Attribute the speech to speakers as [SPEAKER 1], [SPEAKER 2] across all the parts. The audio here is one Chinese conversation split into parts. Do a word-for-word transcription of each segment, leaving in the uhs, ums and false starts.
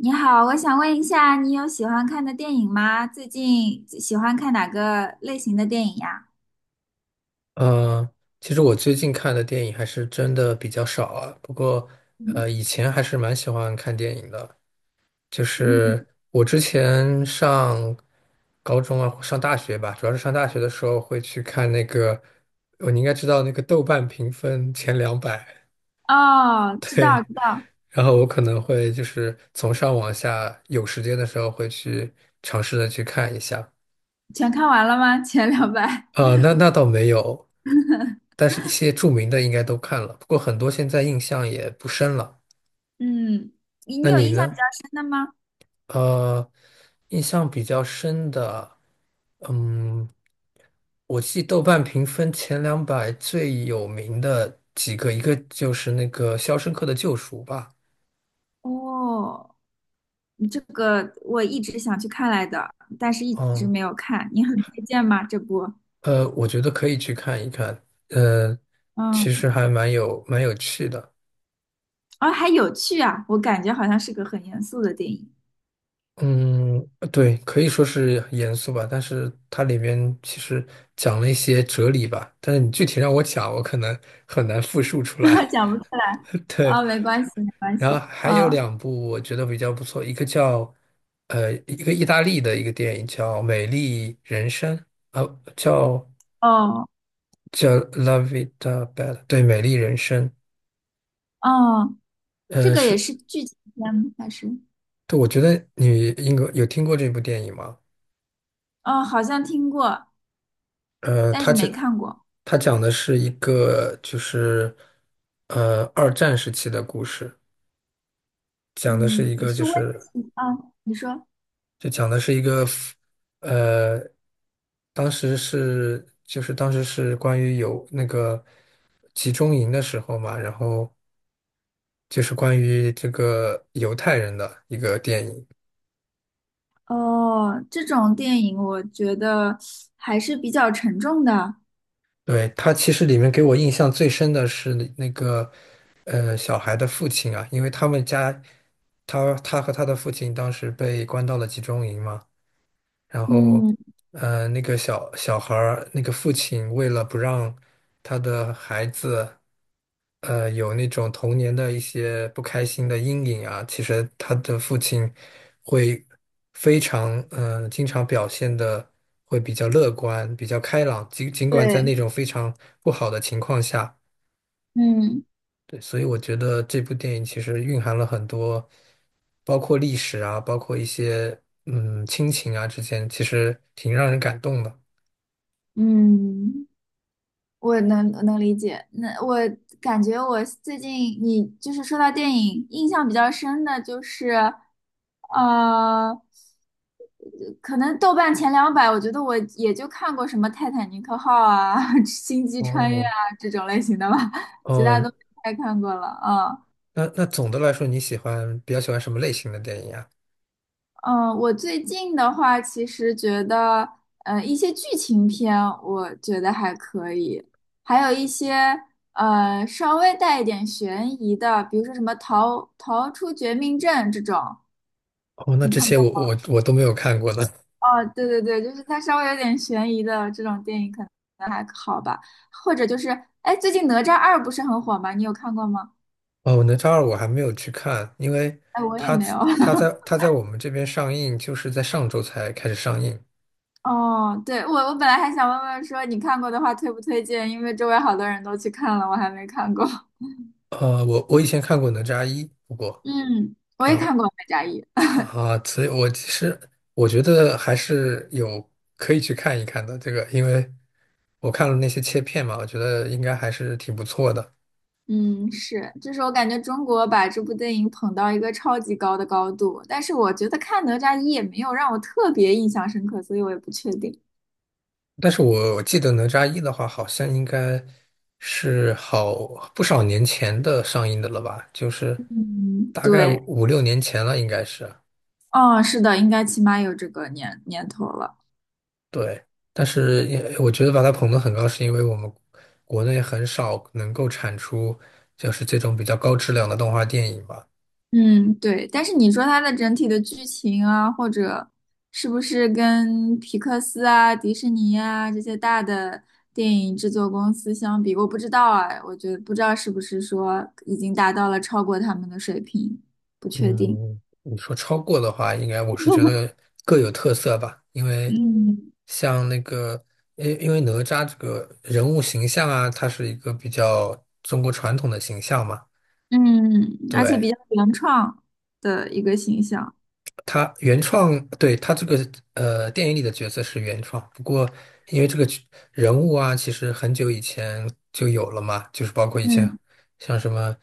[SPEAKER 1] 你好，我想问一下，你有喜欢看的电影吗？最近喜欢看哪个类型的电影呀？
[SPEAKER 2] 嗯，其实我最近看的电影还是真的比较少啊。不过，
[SPEAKER 1] 嗯，
[SPEAKER 2] 呃，以前还是蛮喜欢看电影的。就
[SPEAKER 1] 嗯
[SPEAKER 2] 是我之前上高中啊，上大学吧，主要是上大学的时候会去看那个，哦，你应该知道那个豆瓣评分前两百，
[SPEAKER 1] 哦，知道
[SPEAKER 2] 对。
[SPEAKER 1] 知道，
[SPEAKER 2] 然后我可能会就是从上往下，有时间的时候会去尝试的去看一下。
[SPEAKER 1] 全看完了吗？前两版。
[SPEAKER 2] 呃，那那倒没有，但是一些著名的应该都看了，不过很多现在印象也不深了。
[SPEAKER 1] 嗯，你你
[SPEAKER 2] 那
[SPEAKER 1] 有
[SPEAKER 2] 你
[SPEAKER 1] 印象比
[SPEAKER 2] 呢？
[SPEAKER 1] 较深的吗？
[SPEAKER 2] 呃，印象比较深的，嗯，我记豆瓣评分前两百最有名的几个，一个就是那个《肖申克的救赎》吧。
[SPEAKER 1] 哦，你这个我一直想去看来的，但是一直
[SPEAKER 2] 嗯，
[SPEAKER 1] 没有看。你很推荐吗？这部？
[SPEAKER 2] 呃，我觉得可以去看一看，呃，其实
[SPEAKER 1] 嗯，
[SPEAKER 2] 还蛮有蛮有趣的。
[SPEAKER 1] 哦，还有趣啊，我感觉好像是个很严肃的电影，
[SPEAKER 2] 嗯，呃对，可以说是严肃吧，但是它里面其实讲了一些哲理吧，但是你具体让我讲，我可能很难复述出 来。
[SPEAKER 1] 讲不出来。
[SPEAKER 2] 对，
[SPEAKER 1] 哦，没关系，没关
[SPEAKER 2] 然
[SPEAKER 1] 系。
[SPEAKER 2] 后还有
[SPEAKER 1] 嗯，
[SPEAKER 2] 两部我觉得比较不错，一个叫呃一个意大利的一个电影叫《美丽人生》啊，叫
[SPEAKER 1] 哦。
[SPEAKER 2] 叫《La Vita Bella》,对，《美丽人生》。
[SPEAKER 1] 哦，这
[SPEAKER 2] 呃，
[SPEAKER 1] 个也
[SPEAKER 2] 是，
[SPEAKER 1] 是剧情片吗？还是？
[SPEAKER 2] 对，我觉得你应该有听过这部电影吗？
[SPEAKER 1] 哦，好像听过，
[SPEAKER 2] 呃，
[SPEAKER 1] 但
[SPEAKER 2] 他
[SPEAKER 1] 是
[SPEAKER 2] 讲
[SPEAKER 1] 没看过。
[SPEAKER 2] 他讲的是一个就是呃二战时期的故事，讲的是
[SPEAKER 1] 嗯，
[SPEAKER 2] 一
[SPEAKER 1] 你
[SPEAKER 2] 个就
[SPEAKER 1] 是为
[SPEAKER 2] 是
[SPEAKER 1] 了啊？你说
[SPEAKER 2] 就讲的是一个呃，当时是就是当时是关于有那个集中营的时候嘛，然后就是关于这个犹太人的一个电影。
[SPEAKER 1] 哦，这种电影我觉得还是比较沉重的。
[SPEAKER 2] 对，他其实里面给我印象最深的是那那个，呃，小孩的父亲啊，因为他们家，他他和他的父亲当时被关到了集中营嘛，然后，
[SPEAKER 1] 嗯，
[SPEAKER 2] 呃，那个小小孩儿，那个父亲为了不让他的孩子，呃，有那种童年的一些不开心的阴影啊，其实他的父亲会非常，嗯，经常表现的会比较乐观、比较开朗，尽尽管在
[SPEAKER 1] 对，
[SPEAKER 2] 那种非常不好的情况下。
[SPEAKER 1] 嗯
[SPEAKER 2] 对，所以我觉得这部电影其实蕴含了很多，包括历史啊，包括一些嗯亲情啊之间，其实挺让人感动的。
[SPEAKER 1] 嗯。我能能理解，那我感觉我最近你就是说到电影，印象比较深的就是，呃，可能豆瓣前两百，我觉得我也就看过什么《泰坦尼克号》啊、《星际穿越》
[SPEAKER 2] 哦，
[SPEAKER 1] 啊这种类型的吧，其他
[SPEAKER 2] 哦，
[SPEAKER 1] 都没太看过了。嗯，
[SPEAKER 2] 那那总的来说，你喜欢比较喜欢什么类型的电影啊？
[SPEAKER 1] 嗯，我最近的话，其实觉得，呃，一些剧情片我觉得还可以，还有一些呃稍微带一点悬疑的，比如说什么逃逃出绝命镇这种，
[SPEAKER 2] 哦，那
[SPEAKER 1] 你
[SPEAKER 2] 这
[SPEAKER 1] 看
[SPEAKER 2] 些
[SPEAKER 1] 过？
[SPEAKER 2] 我我我都没有看过呢。
[SPEAKER 1] 哦，对对对，就是它稍微有点悬疑的这种电影可能好吧，或者就是，哎，最近哪吒二不是很火吗？你有看过吗？
[SPEAKER 2] 哦，哪吒二我还没有去看，因为
[SPEAKER 1] 哎，我也
[SPEAKER 2] 它
[SPEAKER 1] 没有。
[SPEAKER 2] 它在 它在我们这边上映，就是在上周才开始上映。
[SPEAKER 1] 哦，对，我我本来还想问问说你看过的话推不推荐，因为周围好多人都去看了，我还没看过。
[SPEAKER 2] 呃，我我以前看过哪吒一，不过。
[SPEAKER 1] 嗯，我也
[SPEAKER 2] 啊
[SPEAKER 1] 看过《哪吒一》，
[SPEAKER 2] 啊，所以我其实我觉得还是有可以去看一看的这个，因为我看了那些切片嘛，我觉得应该还是挺不错的。
[SPEAKER 1] 嗯，是，就是我感觉中国把这部电影捧到一个超级高的高度，但是我觉得看《哪吒一》也没有让我特别印象深刻，所以我也不确定。
[SPEAKER 2] 但是我我记得哪吒一的话，好像应该是好不少年前的上映的了吧，就是
[SPEAKER 1] 嗯，
[SPEAKER 2] 大概
[SPEAKER 1] 对，
[SPEAKER 2] 五六年前了，应该是。
[SPEAKER 1] 哦，是的，应该起码有这个年年头了。
[SPEAKER 2] 对，但是也我觉得把它捧得很高，是因为我们国内很少能够产出就是这种比较高质量的动画电影吧。
[SPEAKER 1] 嗯，对，但是你说它的整体的剧情啊，或者是不是跟皮克斯啊、迪士尼啊这些大的电影制作公司相比，我不知道啊，我觉得不知道是不是说已经达到了超过他们的水平，不确定。
[SPEAKER 2] 嗯，你说超过的话，应该我是觉得各有特色吧，因为
[SPEAKER 1] 嗯，
[SPEAKER 2] 像那个，因因为哪吒这个人物形象啊，它是一个比较中国传统的形象嘛，
[SPEAKER 1] 嗯，而且
[SPEAKER 2] 对，
[SPEAKER 1] 比较原创的一个形象。
[SPEAKER 2] 他原创，对，他这个呃电影里的角色是原创，不过因为这个角人物啊，其实很久以前就有了嘛，就是包括以前
[SPEAKER 1] 嗯，
[SPEAKER 2] 像什么，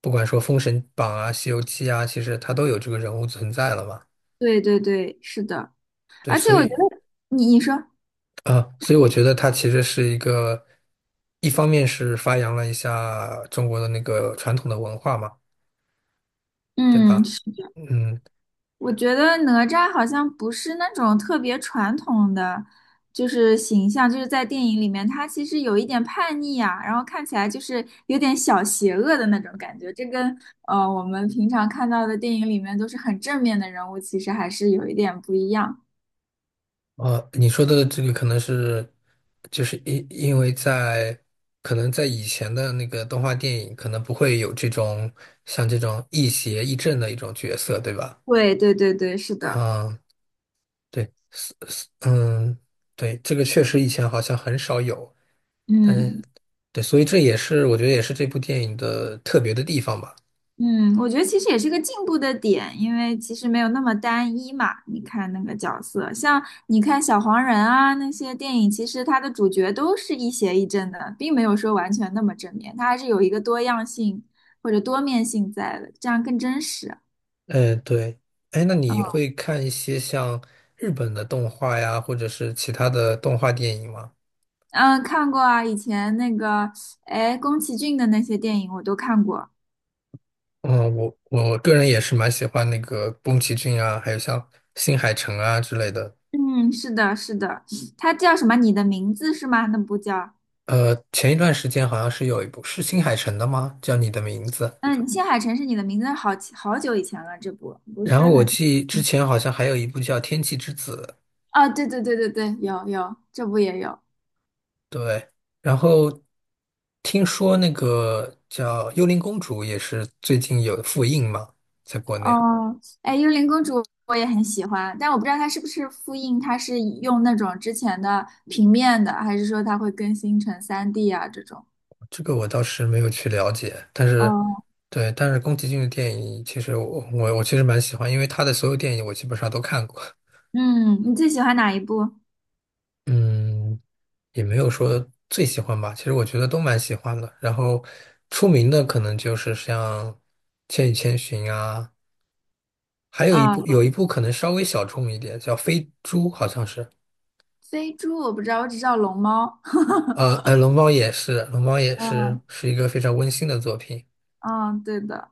[SPEAKER 2] 不管说《封神榜》啊、《西游记》啊，其实它都有这个人物存在了嘛。
[SPEAKER 1] 对对对，是的，
[SPEAKER 2] 对，
[SPEAKER 1] 而且
[SPEAKER 2] 所
[SPEAKER 1] 我觉
[SPEAKER 2] 以
[SPEAKER 1] 得你你说，
[SPEAKER 2] 啊，所以我觉得它其实是一个，一方面是发扬了一下中国的那个传统的文化嘛，对
[SPEAKER 1] 嗯。
[SPEAKER 2] 吧？嗯，
[SPEAKER 1] 我觉得哪吒好像不是那种特别传统的，就是形象，就是在电影里面，他其实有一点叛逆啊，然后看起来就是有点小邪恶的那种感觉。这跟呃我们平常看到的电影里面都是很正面的人物，其实还是有一点不一样。
[SPEAKER 2] 呃，你说的这个可能是，就是因因为在可能在以前的那个动画电影，可能不会有这种像这种亦邪亦正的一种角色，对吧？
[SPEAKER 1] 对对对对，是的，
[SPEAKER 2] 啊，对，嗯，对，这个确实以前好像很少有，但是
[SPEAKER 1] 嗯。
[SPEAKER 2] 对，所以这也是我觉得也是这部电影的特别的地方吧。
[SPEAKER 1] 嗯，我觉得其实也是个进步的点，因为其实没有那么单一嘛。你看那个角色，像你看小黄人啊那些电影，其实它的主角都是一邪一正的，并没有说完全那么正面，它还是有一个多样性或者多面性在的，这样更真实。
[SPEAKER 2] 嗯，对，哎，那
[SPEAKER 1] 嗯
[SPEAKER 2] 你会看一些像日本的动画呀，或者是其他的动画电影吗？
[SPEAKER 1] 嗯，看过啊，以前那个哎宫崎骏的那些电影我都看过。
[SPEAKER 2] 嗯，我我个人也是蛮喜欢那个宫崎骏啊，还有像新海诚啊之类的。
[SPEAKER 1] 嗯，是的，是的，它叫什么？你的名字是吗？那部叫。
[SPEAKER 2] 呃，前一段时间好像是有一部是新海诚的吗？叫《你的名字》。
[SPEAKER 1] 嗯，《青海城市你的名字》好好久以前了，这部不
[SPEAKER 2] 然
[SPEAKER 1] 是
[SPEAKER 2] 后我
[SPEAKER 1] 很
[SPEAKER 2] 记之前好像还有一部叫《天气之子》，
[SPEAKER 1] 啊，对对对对对，有有，这部也有
[SPEAKER 2] 对。然后听说那个叫《幽灵公主》也是最近有复映嘛，在国内。
[SPEAKER 1] 哦。哎，幽灵公主我也很喜欢，但我不知道它是不是复印，它是用那种之前的平面的，还是说它会更新成 三 D 啊这种？
[SPEAKER 2] 这个我倒是没有去了解，但是，
[SPEAKER 1] 哦，
[SPEAKER 2] 对，但是宫崎骏的电影，其实我我我其实蛮喜欢，因为他的所有电影我基本上都看过，
[SPEAKER 1] 嗯，你最喜欢哪一部
[SPEAKER 2] 嗯，也没有说最喜欢吧，其实我觉得都蛮喜欢的。然后出名的可能就是像《千与千寻》啊，还有一
[SPEAKER 1] 啊？
[SPEAKER 2] 部有一部可能稍微小众一点，叫《飞猪》，好像是，
[SPEAKER 1] 飞猪我不知道，我只知道龙猫。
[SPEAKER 2] 呃呃，龙猫也是，龙猫也是
[SPEAKER 1] 嗯
[SPEAKER 2] 是一个非常温馨的作品，
[SPEAKER 1] 嗯，对的，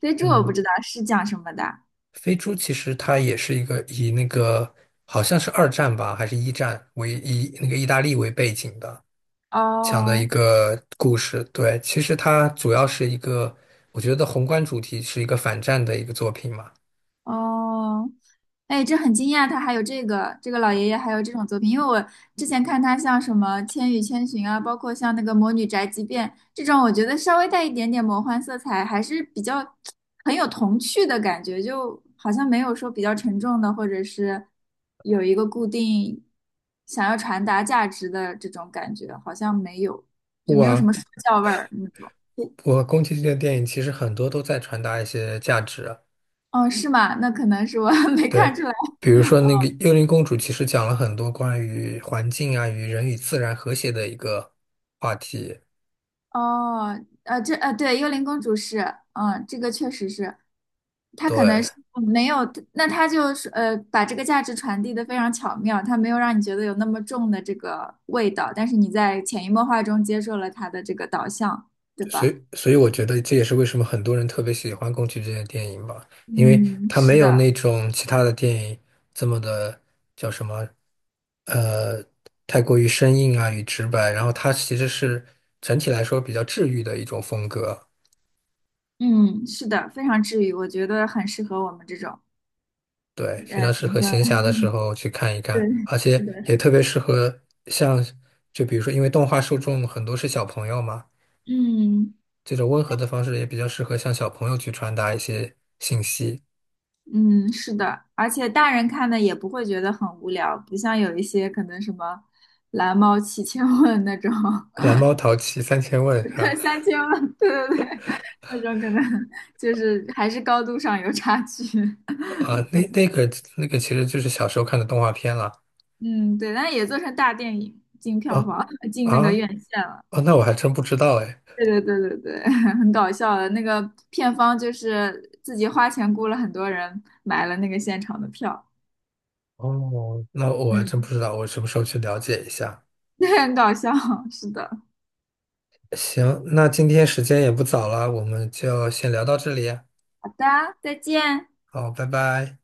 [SPEAKER 1] 飞猪我不
[SPEAKER 2] 嗯。
[SPEAKER 1] 知道是讲什么的。
[SPEAKER 2] 飞猪其实它也是一个以那个好像是二战吧，还是一战为以那个意大利为背景的讲的一
[SPEAKER 1] 哦，
[SPEAKER 2] 个故事。对，其实它主要是一个，我觉得宏观主题是一个反战的一个作品嘛。
[SPEAKER 1] 哦，哎，这很惊讶，他还有这个这个老爷爷还有这种作品，因为我之前看他像什么《千与千寻》啊，包括像那个《魔女宅急便》这种，我觉得稍微带一点点魔幻色彩，还是比较很有童趣的感觉，就好像没有说比较沉重的，或者是有一个固定想要传达价值的这种感觉，好像没有，就没有什
[SPEAKER 2] 我
[SPEAKER 1] 么说教味儿那种。
[SPEAKER 2] 我我宫崎骏的电影其实很多都在传达一些价值啊，
[SPEAKER 1] 哦，是吗？那可能是我 没
[SPEAKER 2] 对，
[SPEAKER 1] 看出来。
[SPEAKER 2] 比如说那个《幽灵公主》，其实讲了很多关于环境啊与人与自然和谐的一个话题。
[SPEAKER 1] 哦，呃，这呃，对，幽灵公主是，嗯，这个确实是，她可能
[SPEAKER 2] 对。
[SPEAKER 1] 是嗯没有，那她就是呃，把这个价值传递的非常巧妙，她没有让你觉得有那么重的这个味道，但是你在潜移默化中接受了她的这个导向，对
[SPEAKER 2] 所
[SPEAKER 1] 吧？
[SPEAKER 2] 以，所以我觉得这也是为什么很多人特别喜欢宫崎骏的电影吧，因为
[SPEAKER 1] 嗯，
[SPEAKER 2] 他
[SPEAKER 1] 是
[SPEAKER 2] 没有
[SPEAKER 1] 的，
[SPEAKER 2] 那种其他的电影这么的叫什么，呃，太过于生硬啊与直白，然后它其实是整体来说比较治愈的一种风格，
[SPEAKER 1] 嗯，是的，非常治愈，我觉得很适合我们这种，
[SPEAKER 2] 对，非
[SPEAKER 1] 呃，
[SPEAKER 2] 常适
[SPEAKER 1] 怎么
[SPEAKER 2] 合
[SPEAKER 1] 说
[SPEAKER 2] 闲暇的时
[SPEAKER 1] 呢？
[SPEAKER 2] 候去看一
[SPEAKER 1] 对，
[SPEAKER 2] 看，而
[SPEAKER 1] 是
[SPEAKER 2] 且
[SPEAKER 1] 的，
[SPEAKER 2] 也特别适合像，就比如说，因为动画受众很多是小朋友嘛，
[SPEAKER 1] 嗯。
[SPEAKER 2] 这种温和的方式也比较适合向小朋友去传达一些信息。
[SPEAKER 1] 嗯，是的，而且大人看的也不会觉得很无聊，不像有一些可能什么蓝猫七千问那种，
[SPEAKER 2] 蓝猫淘气三千 问是
[SPEAKER 1] 对
[SPEAKER 2] 吧？
[SPEAKER 1] 三千问，对对对，那种可能就是还是高度上有差距。
[SPEAKER 2] 啊，那那个那个其实就是小时候看的动画片了。
[SPEAKER 1] 嗯，对，但也做成大电影，进票
[SPEAKER 2] 啊
[SPEAKER 1] 房，进那
[SPEAKER 2] 啊
[SPEAKER 1] 个院线了。
[SPEAKER 2] 哦，那我还真不知道哎。
[SPEAKER 1] 对对对对对，很搞笑的。那个片方就是自己花钱雇了很多人买了那个现场的票，
[SPEAKER 2] 哦，那我还真不
[SPEAKER 1] 嗯，
[SPEAKER 2] 知道，我什么时候去了解一下？
[SPEAKER 1] 很搞笑。是的，
[SPEAKER 2] 行，那今天时间也不早了，我们就先聊到这里啊。
[SPEAKER 1] 好的，再见。
[SPEAKER 2] 好，拜拜。